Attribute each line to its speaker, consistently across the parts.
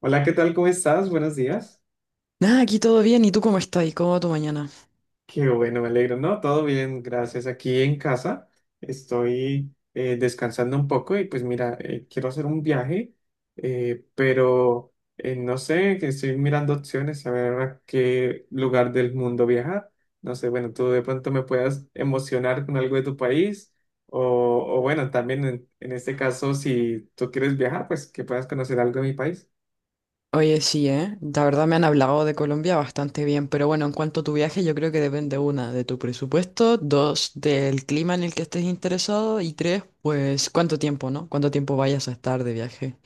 Speaker 1: Hola, ¿qué tal? ¿Cómo estás? Buenos días.
Speaker 2: Nada, aquí todo bien. ¿Y tú cómo estás? ¿Y cómo va tu mañana?
Speaker 1: Qué bueno, me alegro, ¿no? Todo bien, gracias. Aquí en casa estoy descansando un poco y pues mira, quiero hacer un viaje, pero no sé, que estoy mirando opciones a ver a qué lugar del mundo viajar. No sé, bueno, tú de pronto me puedas emocionar con algo de tu país o, o bueno, también en este caso, si tú quieres viajar, pues que puedas conocer algo de mi país.
Speaker 2: Oye, sí, ¿eh? La verdad me han hablado de Colombia bastante bien, pero bueno, en cuanto a tu viaje, yo creo que depende, una, de tu presupuesto, dos, del clima en el que estés interesado, y tres, pues, cuánto tiempo, ¿no? Cuánto tiempo vayas a estar de viaje.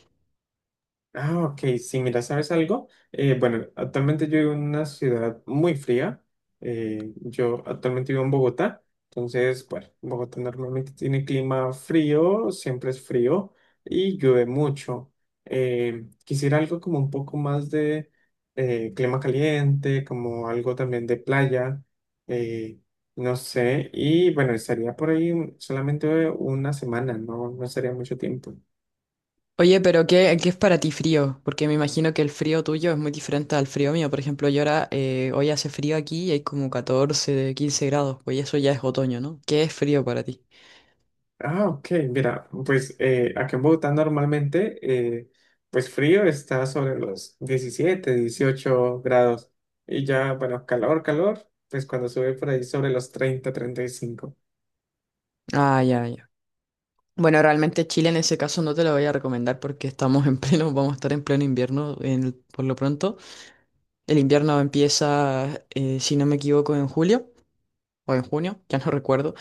Speaker 1: Ah, ok, sí, mira, ¿sabes algo? Bueno, actualmente yo vivo en una ciudad muy fría. Yo actualmente vivo en Bogotá, entonces, bueno, Bogotá normalmente tiene clima frío, siempre es frío y llueve mucho. Quisiera algo como un poco más de clima caliente, como algo también de playa, eh, no sé, y bueno, estaría por ahí solamente una semana, no, no estaría mucho tiempo.
Speaker 2: Oye, pero ¿qué es para ti frío? Porque me imagino que el frío tuyo es muy diferente al frío mío. Por ejemplo, yo ahora, hoy hace frío aquí y hay como 14, 15 grados, pues eso ya es otoño, ¿no? ¿Qué es frío para ti?
Speaker 1: Ah, ok, mira, pues acá en Bogotá normalmente, eh, pues frío está sobre los 17, 18 grados y ya, bueno, calor, calor, pues cuando sube por ahí sobre los 30, 35.
Speaker 2: Ah, ya, ya. Bueno, realmente Chile en ese caso no te lo voy a recomendar porque estamos en pleno, vamos a estar en pleno invierno en por lo pronto. El invierno empieza, si no me equivoco, en julio o en junio, ya no recuerdo.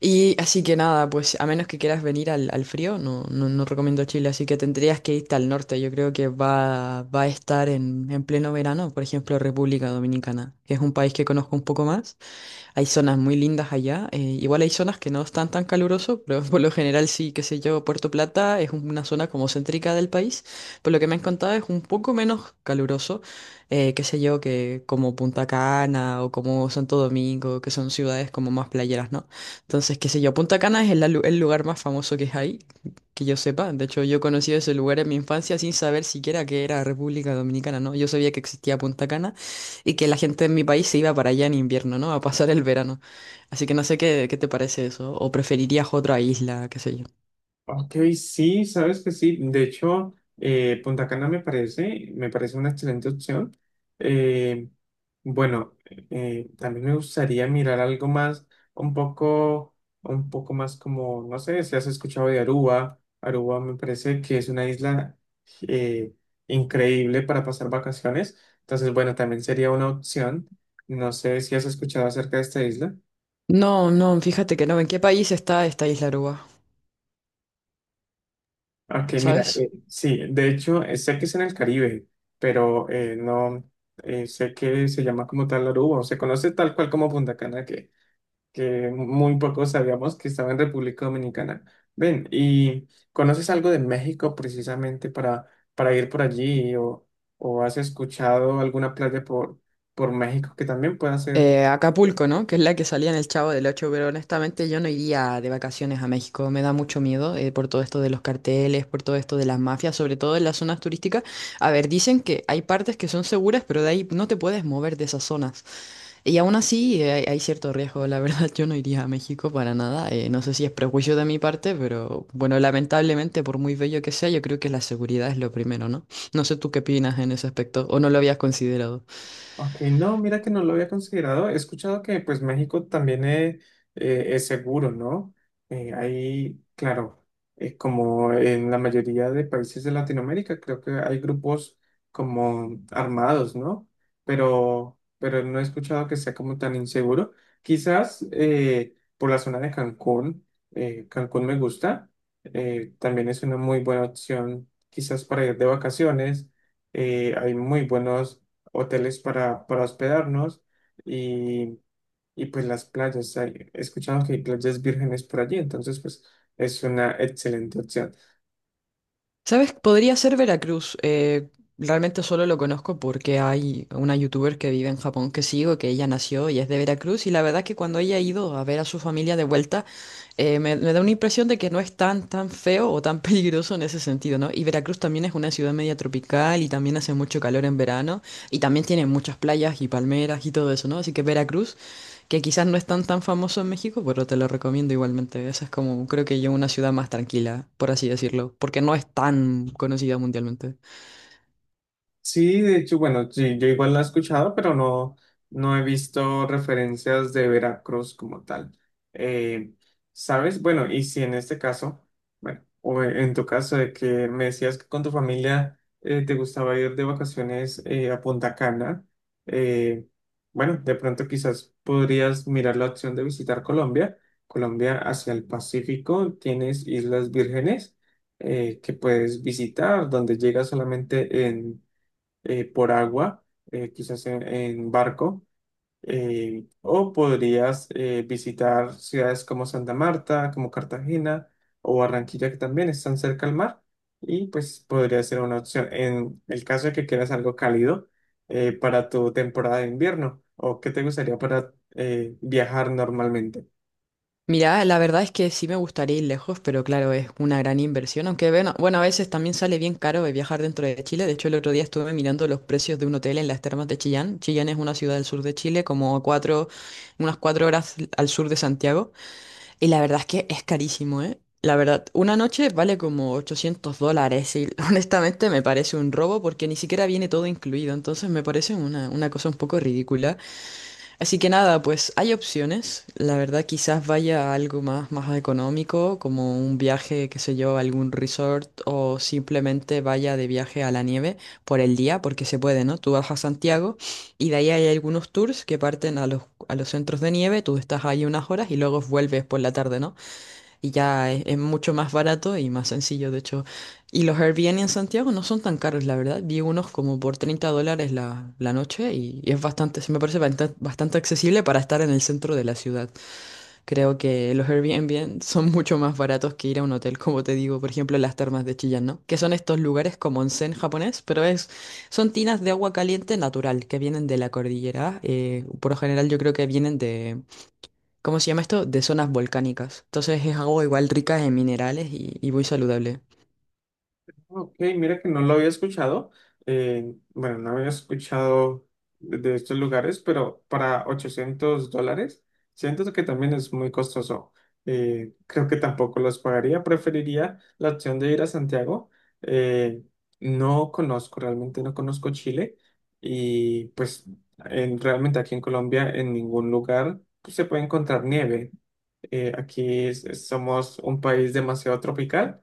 Speaker 2: Y así que nada, pues a menos que quieras venir al frío, no, no, no recomiendo Chile, así que tendrías que irte al norte. Yo creo que va a estar en pleno verano, por ejemplo, República Dominicana, que es un país que conozco un poco más. Hay zonas muy lindas allá. Igual hay zonas que no están tan caluroso, pero por lo general sí, qué sé yo, Puerto Plata es una zona como céntrica del país. Por lo que me han contado es un poco menos caluroso, qué sé yo, que como Punta Cana o como Santo Domingo, que son ciudades como más playeras, ¿no? Entonces, qué sé yo, Punta Cana es el lugar más famoso que hay, que yo sepa. De hecho, yo conocí ese lugar en mi infancia sin saber siquiera que era República Dominicana, ¿no? Yo sabía que existía Punta Cana y que la gente en mi país se iba para allá en invierno, ¿no? A pasar el verano. Así que no sé qué te parece eso. O preferirías otra isla, qué sé yo.
Speaker 1: Ok, sí, sabes que sí. De hecho, Punta Cana me parece una excelente opción. Eh, bueno, También me gustaría mirar algo más, un poco, un poco más como, no sé, si has escuchado de Aruba. Aruba me parece que es una isla eh, increíble para pasar vacaciones. Entonces, bueno, también sería una opción. No sé si has escuchado acerca de esta isla.
Speaker 2: No, no, fíjate que no. ¿En qué país está esta isla Aruba?
Speaker 1: Ok, mira,
Speaker 2: ¿Sabes?
Speaker 1: sí, de hecho, sé que es en el Caribe, pero no sé que se llama como tal Aruba, o se conoce tal cual como Punta Cana, que muy pocos sabíamos que estaba en República Dominicana. Ven, ¿y conoces algo de México precisamente para ir por allí o has escuchado alguna playa por México que también pueda ser?
Speaker 2: Acapulco, ¿no? Que es la que salía en el Chavo del Ocho, pero honestamente yo no iría de vacaciones a México. Me da mucho miedo por todo esto de los carteles, por todo esto de las mafias, sobre todo en las zonas turísticas. A ver, dicen que hay partes que son seguras, pero de ahí no te puedes mover de esas zonas. Y aún así hay, hay cierto riesgo, la verdad, yo no iría a México para nada, no sé si es prejuicio de mi parte, pero bueno, lamentablemente por muy bello que sea, yo creo que la seguridad es lo primero, ¿no? No sé tú qué opinas en ese aspecto, o no lo habías considerado.
Speaker 1: Ok, no, mira que no lo había considerado. He escuchado que pues México también es, seguro, ¿no? Ahí, claro, como en la mayoría de países de Latinoamérica, creo que hay grupos como armados, ¿no? Pero no he escuchado que sea como tan inseguro. Quizás por la zona de Cancún, Cancún me gusta. También es una muy buena opción, quizás para ir de vacaciones. Hay muy buenos hoteles para hospedarnos y, y pues las playas. He escuchado que hay playas vírgenes por allí, entonces pues es una excelente opción.
Speaker 2: ¿Sabes? Podría ser Veracruz, realmente solo lo conozco porque hay una youtuber que vive en Japón que sigo, que ella nació y es de Veracruz, y la verdad que cuando ella ha ido a ver a su familia de vuelta, me da una impresión de que no es tan, tan feo o tan peligroso en ese sentido, ¿no? Y Veracruz también es una ciudad media tropical y también hace mucho calor en verano y también tiene muchas playas y palmeras y todo eso, ¿no? Así que Veracruz, que quizás no es tan, tan famoso en México, pero te lo recomiendo igualmente. Esa es como, creo que yo, una ciudad más tranquila, por así decirlo, porque no es tan conocida mundialmente.
Speaker 1: Sí, de hecho, bueno, sí, yo igual la he escuchado, pero no, no he visto referencias de Veracruz como tal. Eh, ¿Sabes? Bueno, y si en este caso, bueno, o en tu caso de que me decías que con tu familia te gustaba ir de vacaciones a Punta Cana, eh, bueno, de pronto quizás podrías mirar la opción de visitar Colombia. Colombia hacia el Pacífico, tienes Islas Vírgenes que puedes visitar, donde llegas solamente en por agua, quizás en barco, o podrías visitar ciudades como Santa Marta, como Cartagena o Barranquilla, que también están cerca al mar, y pues podría ser una opción en el caso de que quieras algo cálido para tu temporada de invierno, o qué te gustaría para viajar normalmente.
Speaker 2: Mira, la verdad es que sí me gustaría ir lejos, pero claro, es una gran inversión, aunque bueno, a veces también sale bien caro de viajar dentro de Chile. De hecho, el otro día estuve mirando los precios de un hotel en las termas de Chillán. Chillán es una ciudad del sur de Chile, unas cuatro horas al sur de Santiago, y la verdad es que es carísimo, ¿eh? La verdad, una noche vale como $800 y honestamente me parece un robo porque ni siquiera viene todo incluido, entonces me parece una cosa un poco ridícula. Así que nada, pues hay opciones. La verdad, quizás vaya a algo más económico, como un viaje, qué sé yo, a algún resort o simplemente vaya de viaje a la nieve por el día, porque se puede, ¿no? Tú vas a Santiago y de ahí hay algunos tours que parten a los centros de nieve, tú estás ahí unas horas y luego vuelves por la tarde, ¿no? Y ya es mucho más barato y más sencillo, de hecho. Y los Airbnb en Santiago no son tan caros, la verdad. Vi unos como por $30 la noche y es bastante, se me parece bastante, bastante accesible para estar en el centro de la ciudad. Creo que los Airbnb son mucho más baratos que ir a un hotel, como te digo, por ejemplo, las termas de Chillán, ¿no? Que son estos lugares como onsen japonés, pero son tinas de agua caliente natural que vienen de la cordillera. Por lo general yo creo que vienen de... ¿Cómo se llama esto? De zonas volcánicas. Entonces es agua igual rica en minerales y muy saludable.
Speaker 1: Ok, mira que no lo había escuchado. Bueno, no había escuchado de estos lugares, pero para $800, siento que también es muy costoso. Creo que tampoco los pagaría. Preferiría la opción de ir a Santiago. eh, no conozco, realmente no conozco Chile. Y pues realmente aquí en Colombia, en ningún lugar pues, se puede encontrar nieve. Aquí somos un país demasiado tropical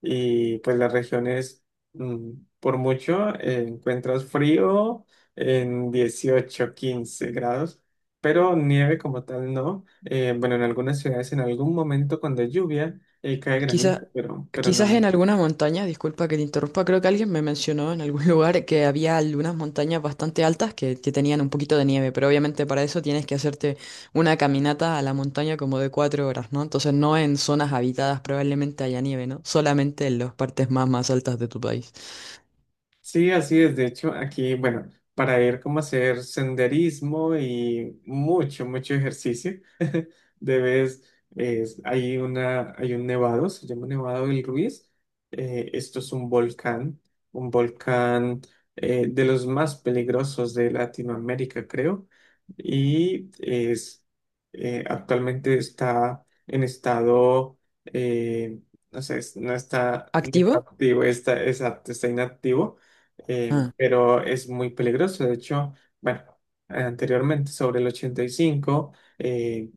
Speaker 1: y pues las regiones, mm, por mucho, encuentras frío en 18, 15 grados, pero nieve como tal no. Bueno, en algunas ciudades en algún momento cuando hay lluvia cae granizo,
Speaker 2: Quizá,
Speaker 1: pero no.
Speaker 2: Quizás en algunas montañas, disculpa que te interrumpa, creo que alguien me mencionó en algún lugar que había algunas montañas bastante altas que tenían un poquito de nieve, pero obviamente para eso tienes que hacerte una caminata a la montaña como de 4 horas, ¿no? Entonces no en zonas habitadas probablemente haya nieve, ¿no? Solamente en las partes más, más altas de tu país.
Speaker 1: Sí, así es. De hecho, aquí, bueno, para ir como a hacer senderismo y mucho, mucho ejercicio, debes, hay una, hay un nevado, se llama Nevado del Ruiz. Esto es un volcán de los más peligrosos de Latinoamérica, creo. Y es, Actualmente está en estado, eh, no sé, no está, no
Speaker 2: ¿Activo?
Speaker 1: está activo, está, exacto, está inactivo
Speaker 2: Ah.
Speaker 1: pero es muy peligroso. De hecho, bueno, anteriormente, sobre el 85, eh,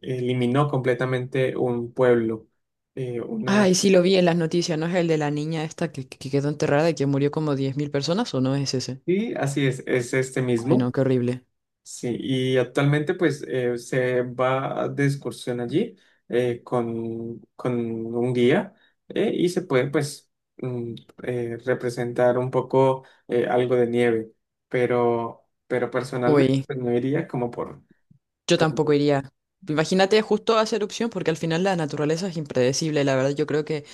Speaker 1: eliminó completamente un pueblo. eh, una...
Speaker 2: Ay, sí lo vi en las noticias, ¿no es el de la niña esta que quedó enterrada y que murió como 10.000 personas o no es ese?
Speaker 1: Sí, así es este
Speaker 2: Ay, no,
Speaker 1: mismo.
Speaker 2: qué horrible.
Speaker 1: Sí, y actualmente pues se va de excursión allí con un guía y se puede pues mm, representar un poco algo de nieve, pero personalmente
Speaker 2: Uy,
Speaker 1: pues no iría como por.
Speaker 2: yo tampoco iría. Imagínate, justo hace erupción porque al final la naturaleza es impredecible. La verdad, yo creo que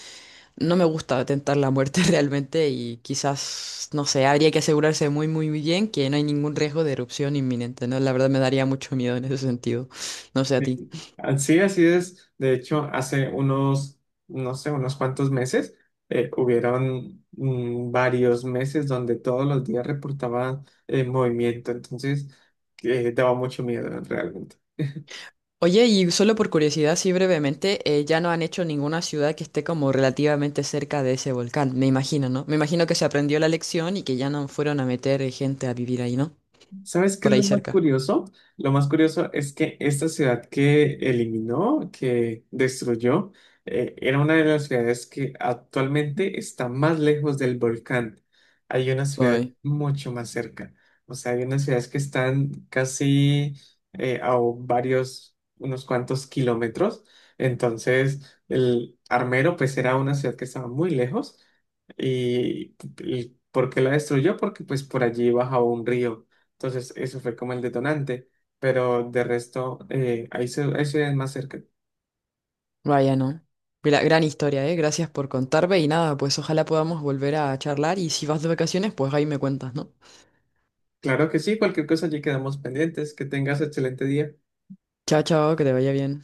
Speaker 2: no me gusta tentar la muerte realmente y quizás, no sé, habría que asegurarse muy, muy bien que no hay ningún riesgo de erupción inminente, ¿no? La verdad me daría mucho miedo en ese sentido. No sé a
Speaker 1: Sí,
Speaker 2: ti.
Speaker 1: así así es. De hecho, hace unos, no sé, unos cuantos meses, hubieron varios meses donde todos los días reportaban movimiento. Entonces, daba mucho miedo realmente.
Speaker 2: Oye, y solo por curiosidad, sí brevemente, ya no han hecho ninguna ciudad que esté como relativamente cerca de ese volcán, me imagino, ¿no? Me imagino que se aprendió la lección y que ya no fueron a meter gente a vivir ahí, ¿no?
Speaker 1: ¿Sabes qué
Speaker 2: Por
Speaker 1: es
Speaker 2: ahí
Speaker 1: lo más
Speaker 2: cerca.
Speaker 1: curioso? Lo más curioso es que esta ciudad que eliminó, que destruyó, era una de las ciudades que actualmente está más lejos del volcán. Hay una ciudad
Speaker 2: Uy,
Speaker 1: mucho más cerca. O sea, hay unas ciudades que están casi a varios, unos cuantos kilómetros. Entonces, el Armero, pues era una ciudad que estaba muy lejos. ¿Y, y por qué la destruyó? Porque pues por allí bajaba un río. Entonces eso fue como el detonante. Pero de resto, ahí se ven más cerca.
Speaker 2: vaya, ¿no? Gran historia, ¿eh? Gracias por contarme y nada, pues ojalá podamos volver a charlar y si vas de vacaciones, pues ahí me cuentas, ¿no?
Speaker 1: Claro que sí, cualquier cosa allí quedamos pendientes. Que tengas excelente día.
Speaker 2: Chao, chao, que te vaya bien.